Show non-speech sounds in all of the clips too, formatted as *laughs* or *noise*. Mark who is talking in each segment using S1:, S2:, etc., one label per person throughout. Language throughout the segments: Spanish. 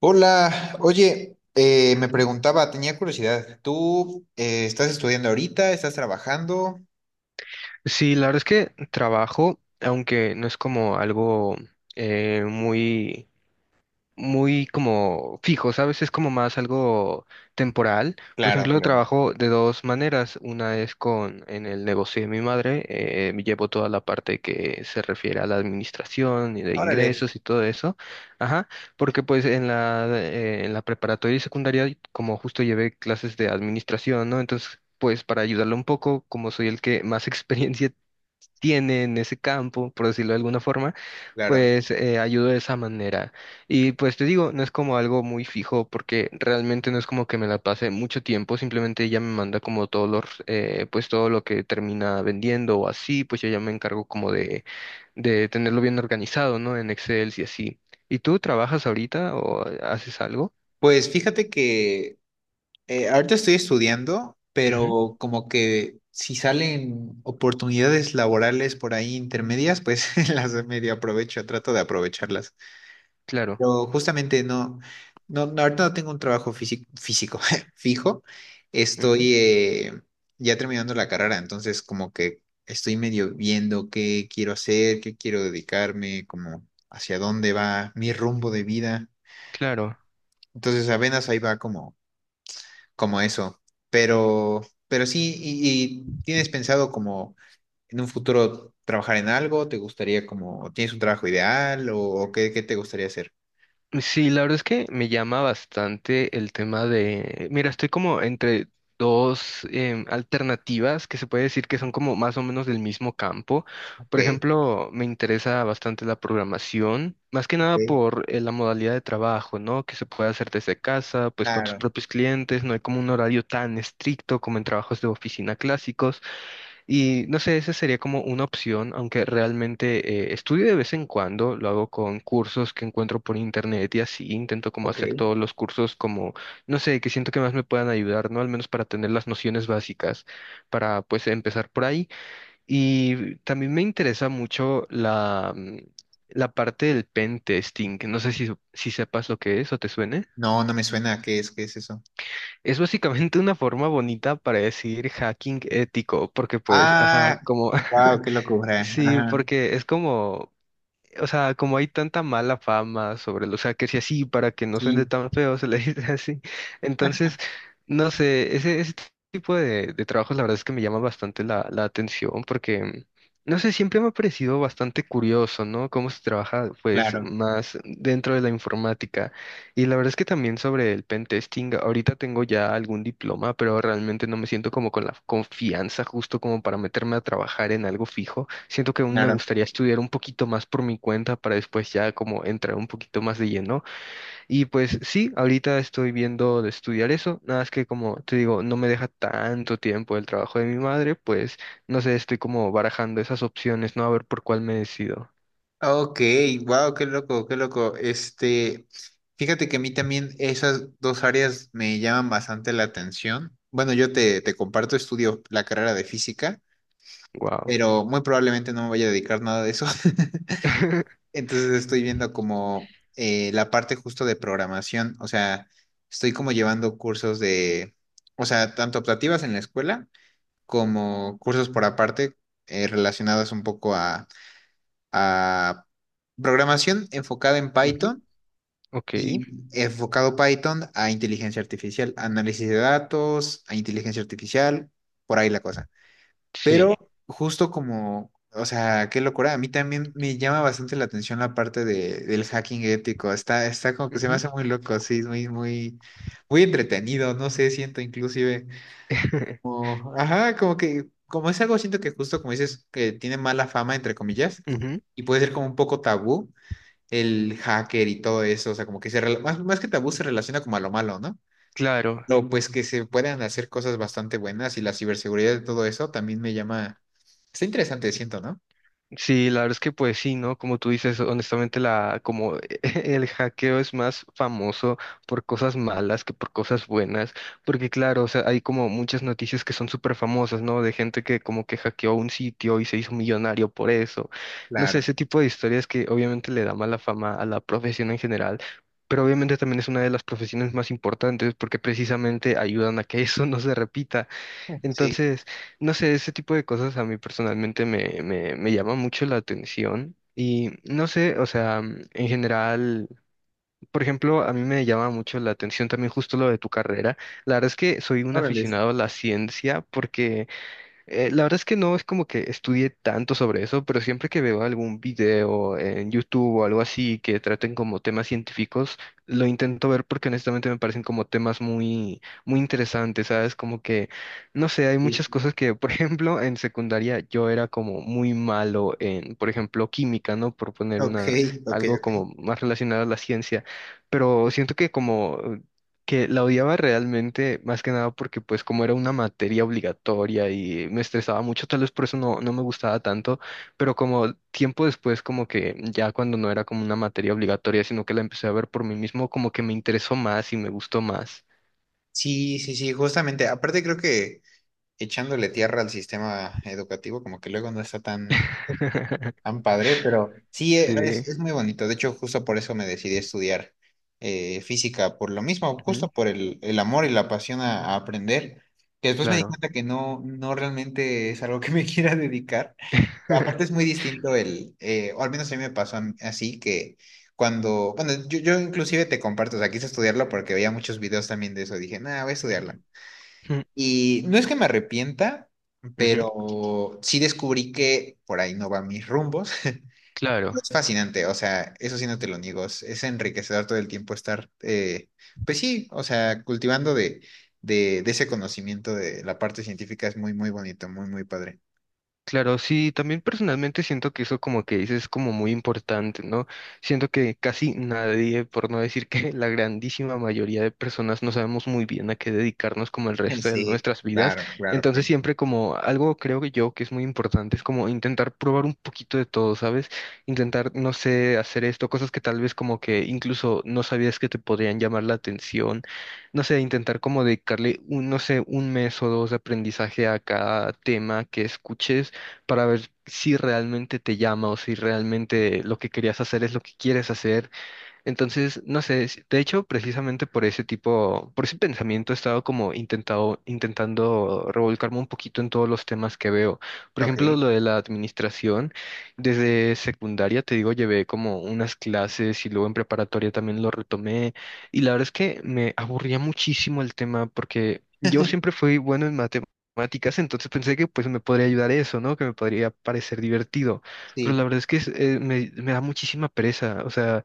S1: Hola, oye, me
S2: Ujú.
S1: preguntaba, tenía curiosidad, ¿tú estás estudiando ahorita? ¿Estás trabajando?
S2: Sí, la verdad es que trabajo, aunque no es como algo muy... muy como fijo, ¿sabes? Es como más algo temporal. Por
S1: Claro,
S2: ejemplo,
S1: claro.
S2: trabajo de dos maneras. Una es con en el negocio de mi madre. Llevo toda la parte que se refiere a la administración y de
S1: Órale,
S2: ingresos y todo eso. Ajá, porque pues en la preparatoria y secundaria, como justo llevé clases de administración, ¿no? Entonces, pues para ayudarlo un poco, como soy el que más *laughs* experiencia tiene en ese campo, por decirlo de alguna forma,
S1: claro.
S2: pues ayudo de esa manera. Y pues te digo, no es como algo muy fijo porque realmente no es como que me la pase mucho tiempo, simplemente ella me manda como pues todo lo que termina vendiendo o así, pues yo ya me encargo como de tenerlo bien organizado, ¿no? En Excel y así. ¿Y tú trabajas ahorita o haces algo?
S1: Pues fíjate que ahorita estoy estudiando,
S2: Ujú,
S1: pero como que si salen oportunidades laborales por ahí intermedias, pues *laughs* las medio aprovecho, trato de aprovecharlas.
S2: claro,
S1: Pero justamente no, no, no, ahorita no tengo un trabajo físico, *laughs* fijo.
S2: ujú,
S1: Estoy ya terminando la carrera, entonces como que estoy medio viendo qué quiero hacer, qué quiero dedicarme, como hacia dónde va mi rumbo de vida.
S2: claro.
S1: Entonces apenas ahí va como, como eso. Pero, pero sí, y ¿tienes pensado como en un futuro trabajar en algo? ¿Te gustaría como, tienes un trabajo ideal o qué, qué te gustaría hacer?
S2: Sí, la verdad es que me llama bastante el tema de, mira, estoy como entre dos alternativas que se puede decir que son como más o menos del mismo campo.
S1: Ok,
S2: Por ejemplo, me interesa bastante la programación, más que nada
S1: ok,
S2: por la modalidad de trabajo, ¿no? Que se puede hacer desde casa, pues con tus
S1: claro,
S2: propios clientes, no hay como un horario tan estricto como en trabajos de oficina clásicos. Y no sé, esa sería como una opción, aunque realmente estudio de vez en cuando, lo hago con cursos que encuentro por internet y así, intento como
S1: ok.
S2: hacer todos los cursos como, no sé, que siento que más me puedan ayudar, ¿no? Al menos para tener las nociones básicas, para pues empezar por ahí. Y también me interesa mucho la parte del pen testing. No sé si sepas lo que es o te suene.
S1: No, no me suena. ¿Qué es? ¿Qué es eso?
S2: Es básicamente una forma bonita para decir hacking ético, porque pues, ajá,
S1: Ah,
S2: como...
S1: wow,
S2: *laughs*
S1: qué locura.
S2: Sí,
S1: Ajá.
S2: porque es como, o sea, como hay tanta mala fama sobre lo, o sea, que si así para que no suene
S1: Sí,
S2: tan feo se le *laughs* dice así. Entonces, no sé, ese tipo de trabajos la verdad es que me llama bastante la atención porque, no sé, siempre me ha parecido bastante curioso, ¿no? Cómo se trabaja, pues,
S1: claro,
S2: más dentro de la informática. Y la verdad es que también sobre el pen testing, ahorita tengo ya algún diploma, pero realmente no me siento como con la confianza justo como para meterme a trabajar en algo fijo. Siento que aún me
S1: claro.
S2: gustaría estudiar un poquito más por mi cuenta para después ya como entrar un poquito más de lleno. Y pues sí, ahorita estoy viendo de estudiar eso, nada más que como te digo, no me deja tanto tiempo el trabajo de mi madre, pues no sé, estoy como barajando esas opciones, ¿no? A ver por cuál me decido.
S1: Ok, wow, qué loco, qué loco. Este, fíjate que a mí también esas dos áreas me llaman bastante la atención. Bueno, yo te, te comparto, estudio la carrera de física,
S2: Wow.
S1: pero muy probablemente no me vaya a dedicar nada de eso. *laughs*
S2: *laughs*
S1: Entonces estoy viendo como la parte justo de programación, o sea, estoy como llevando cursos de, o sea, tanto optativas en la escuela como cursos por aparte relacionados un poco a programación enfocada en Python
S2: Ok,
S1: y enfocado Python a inteligencia artificial, análisis de datos, a inteligencia artificial, por ahí la cosa.
S2: sí.
S1: Pero justo como, o sea, qué locura, a mí también me llama bastante la atención la parte de, del hacking ético, está, está como que se me
S2: Ujú.
S1: hace muy loco, sí, es muy, muy, muy entretenido, no sé, siento inclusive
S2: *laughs*
S1: ajá, como que, como es algo, siento que justo como dices, que tiene mala fama, entre comillas,
S2: Ujú,
S1: y puede ser como un poco tabú el hacker y todo eso, o sea, como que se, más, más que tabú se relaciona como a lo malo, ¿no?
S2: claro,
S1: Pero pues que se puedan hacer cosas bastante buenas y la ciberseguridad de todo eso también me llama, está interesante, siento, ¿no?
S2: sí, la verdad es que pues sí, ¿no? Como tú dices, honestamente, la, como *laughs* el hackeo es más famoso por cosas malas que por cosas buenas, porque claro, o sea, hay como muchas noticias que son súper famosas, ¿no? De gente que como que hackeó un sitio y se hizo millonario por eso. No sé,
S1: Claro,
S2: ese tipo de historias que obviamente le da mala fama a la profesión en general. Pero obviamente también es una de las profesiones más importantes porque precisamente ayudan a que eso *laughs* no se repita.
S1: sí,
S2: Entonces, no sé, ese tipo de cosas a mí personalmente me llama mucho la atención y no sé, o sea, mm, en general, por ejemplo, a mí me llama mucho la atención también justo lo de tu carrera. La verdad es que soy un
S1: órale.
S2: aficionado a la ciencia. La verdad es que no es como que estudie tanto sobre eso, pero siempre que veo algún video en YouTube o algo así que traten como temas científicos, lo intento ver porque honestamente me parecen como temas muy, muy interesantes, ¿sabes? Como que, no sé, hay
S1: Sí.
S2: muchas cosas que, por *laughs* ejemplo, en secundaria yo era como muy malo en, por ejemplo, química, ¿no? Por poner
S1: Ok,
S2: una,
S1: ok,
S2: algo
S1: ok.
S2: como más relacionado a la ciencia, pero siento que como que la odiaba realmente más que nada porque pues como era una materia obligatoria y me estresaba mucho, tal vez por eso no, no me gustaba tanto, pero como tiempo después como que ya cuando no era como una materia obligatoria, sino que la empecé a ver por mí mismo, como que me interesó más y me gustó más.
S1: Sí, sí, sí, justamente, aparte creo que echándole tierra al sistema educativo, como que luego no está tan
S2: *laughs*
S1: tan padre, pero sí,
S2: Sí,
S1: es muy bonito. De hecho, justo por eso me decidí a estudiar física, por lo mismo,
S2: ujú,
S1: justo por el amor y la pasión a aprender, que después me di
S2: claro.
S1: cuenta que no, no realmente es algo que me *laughs* quiera dedicar. Aparte es muy
S2: *laughs*
S1: distinto el, o al menos a mí me pasó así, que cuando, bueno, yo inclusive te comparto, o sea, quise estudiarlo porque veía muchos videos también de eso, dije, nada, voy a
S2: Ujú,
S1: estudiarlo.
S2: ujú,
S1: Y no es que me arrepienta,
S2: ujú,
S1: pero sí descubrí que por ahí no van mis rumbos. *laughs*
S2: claro.
S1: Es fascinante, o sea, eso sí no te lo niego, es enriquecedor todo el tiempo estar, pues sí, o sea, cultivando de ese conocimiento de la parte científica es muy, muy bonito, muy, muy padre.
S2: Claro, sí, también personalmente siento que eso como que dices es como muy importante, ¿no? Siento que casi nadie, por no decir que *laughs* la grandísima mayoría de personas no sabemos muy bien a qué dedicarnos como el
S1: *laughs*
S2: resto de
S1: Sí,
S2: nuestras vidas.
S1: claro, claro,
S2: Entonces
S1: claro.
S2: siempre como algo creo que yo que es muy importante es como intentar probar un poquito de todo, ¿sabes? Intentar, no sé, hacer esto, cosas que tal vez como que incluso no sabías que te podrían llamar la atención. No sé, intentar como dedicarle un, no sé, un mes o dos de aprendizaje a cada tema que escuches para ver si realmente te llama o si realmente lo que querías hacer es lo que quieres hacer. Entonces, no sé, si- de hecho, precisamente por ese tipo, por ese pensamiento he estado como intentando revolcarme un poquito en todos los temas que veo. Por ejemplo,
S1: Ok,
S2: lo de la administración, desde secundaria, te digo, llevé como unas clases y luego en preparatoria también lo retomé. Y la verdad es que me aburría muchísimo el tema porque yo siempre fui bueno en matemáticas, entonces pensé que pues me podría ayudar eso, ¿no? Que me podría parecer divertido, pero la
S1: sí.
S2: verdad es que me da muchísima pereza, o sea,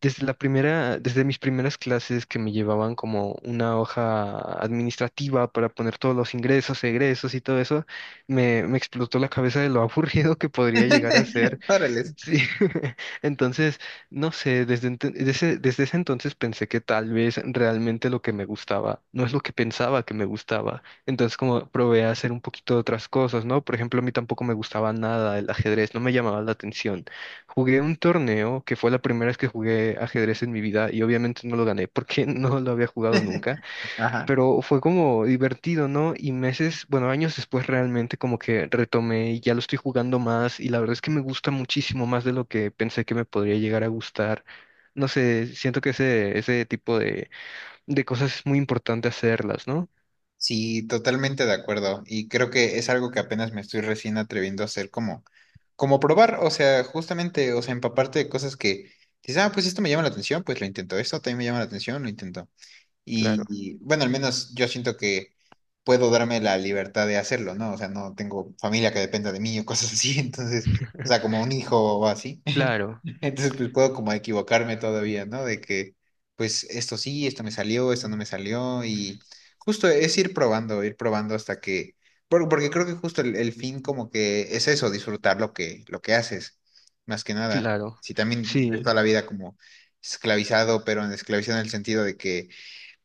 S2: desde mis primeras clases que me llevaban como una hoja administrativa para poner todos los ingresos, egresos y todo eso, me explotó la cabeza de lo *laughs* aburrido que podría llegar a ser.
S1: *laughs* Órale.
S2: Sí. *laughs* Entonces, no sé, desde ese entonces pensé que tal vez realmente lo que me gustaba no es lo que pensaba que me gustaba. Entonces, como probé a hacer un poquito de otras cosas, ¿no? Por ejemplo, a mí tampoco me gustaba nada el ajedrez, no me llamaba la atención. Jugué un torneo que fue la primera vez que jugué ajedrez en mi vida y obviamente no lo gané porque *laughs* no lo había jugado nunca,
S1: Ajá.
S2: pero fue como divertido, ¿no? Y meses, bueno, años después realmente como que retomé y ya lo estoy jugando más y la verdad es que me gusta muchísimo más de lo que pensé que me podría llegar a gustar. No sé, siento que ese tipo de cosas es muy importante hacerlas, ¿no?
S1: Sí, totalmente de acuerdo. Y creo que es algo que apenas me estoy recién atreviendo a hacer como, como probar, o sea, justamente, o sea, empaparte de cosas que dices, ah, pues esto me llama la atención, pues lo intento, esto también me llama la atención, lo intento.
S2: Claro,
S1: Y bueno, al menos yo siento que puedo darme la libertad de hacerlo, ¿no? O sea, no tengo familia que dependa de mí o cosas así, *laughs* entonces, o sea, como
S2: *laughs*
S1: un hijo o así.
S2: claro,
S1: *laughs* Entonces, pues puedo como equivocarme todavía, ¿no? De que, pues esto sí, esto me salió, esto no me salió, y justo es ir probando hasta que, porque creo que justo el fin como que es eso, disfrutar lo que haces, más que nada.
S2: claro.
S1: Si también vives
S2: Sí,
S1: toda la vida como esclavizado, pero en esclavizado en el sentido de que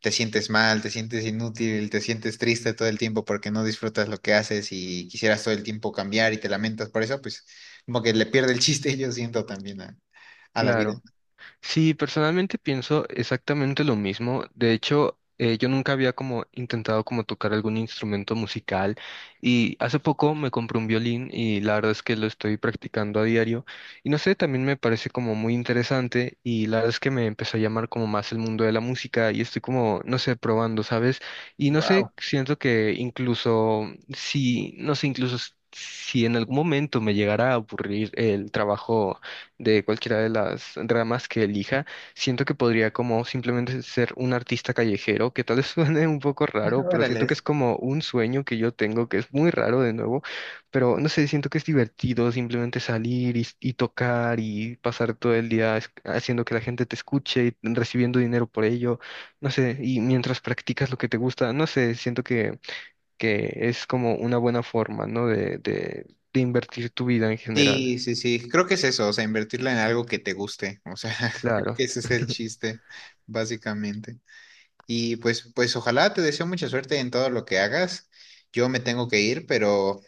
S1: te sientes mal, te sientes inútil, te sientes triste todo el tiempo porque no disfrutas lo que haces y quisieras todo el tiempo cambiar y te lamentas por eso, pues como que le pierde el chiste, *laughs* yo siento también a la vida.
S2: claro. Sí, personalmente pienso exactamente lo mismo. De hecho, yo nunca había como intentado como tocar algún instrumento musical y hace poco me compré un violín y la verdad es que lo estoy practicando a diario y no sé, también me parece como muy interesante y la verdad es que me empezó a llamar como más el mundo de la música y estoy como, no sé, probando, ¿sabes? Y no sé,
S1: Wow.
S2: siento que incluso si, no sé, incluso si en algún momento me llegara a aburrir el trabajo de cualquiera de las ramas que elija, siento que podría como simplemente ser un artista callejero, que tal vez *laughs* suene un poco
S1: *laughs*
S2: raro, pero siento
S1: Órale.
S2: que es como un sueño que yo tengo, que es muy raro de nuevo, pero no sé, siento que es divertido simplemente salir y tocar y pasar todo el día es- haciendo que la gente te escuche y recibiendo dinero por ello, no sé, y mientras practicas lo que te gusta, no sé, siento que es como una buena forma, ¿no? De invertir tu vida en general.
S1: Sí, sí, sí, creo que es eso, o sea, invertirla en algo que te guste, o sea, *laughs* creo
S2: Claro.
S1: que ese es el chiste, básicamente. Y pues, pues ojalá te deseo mucha suerte en todo lo que hagas. Yo me tengo que ir, pero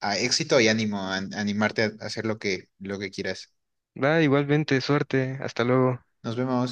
S1: a éxito y ánimo, a, animarte a hacer lo que quieras.
S2: Va, igualmente, suerte. Hasta luego.
S1: Nos vemos.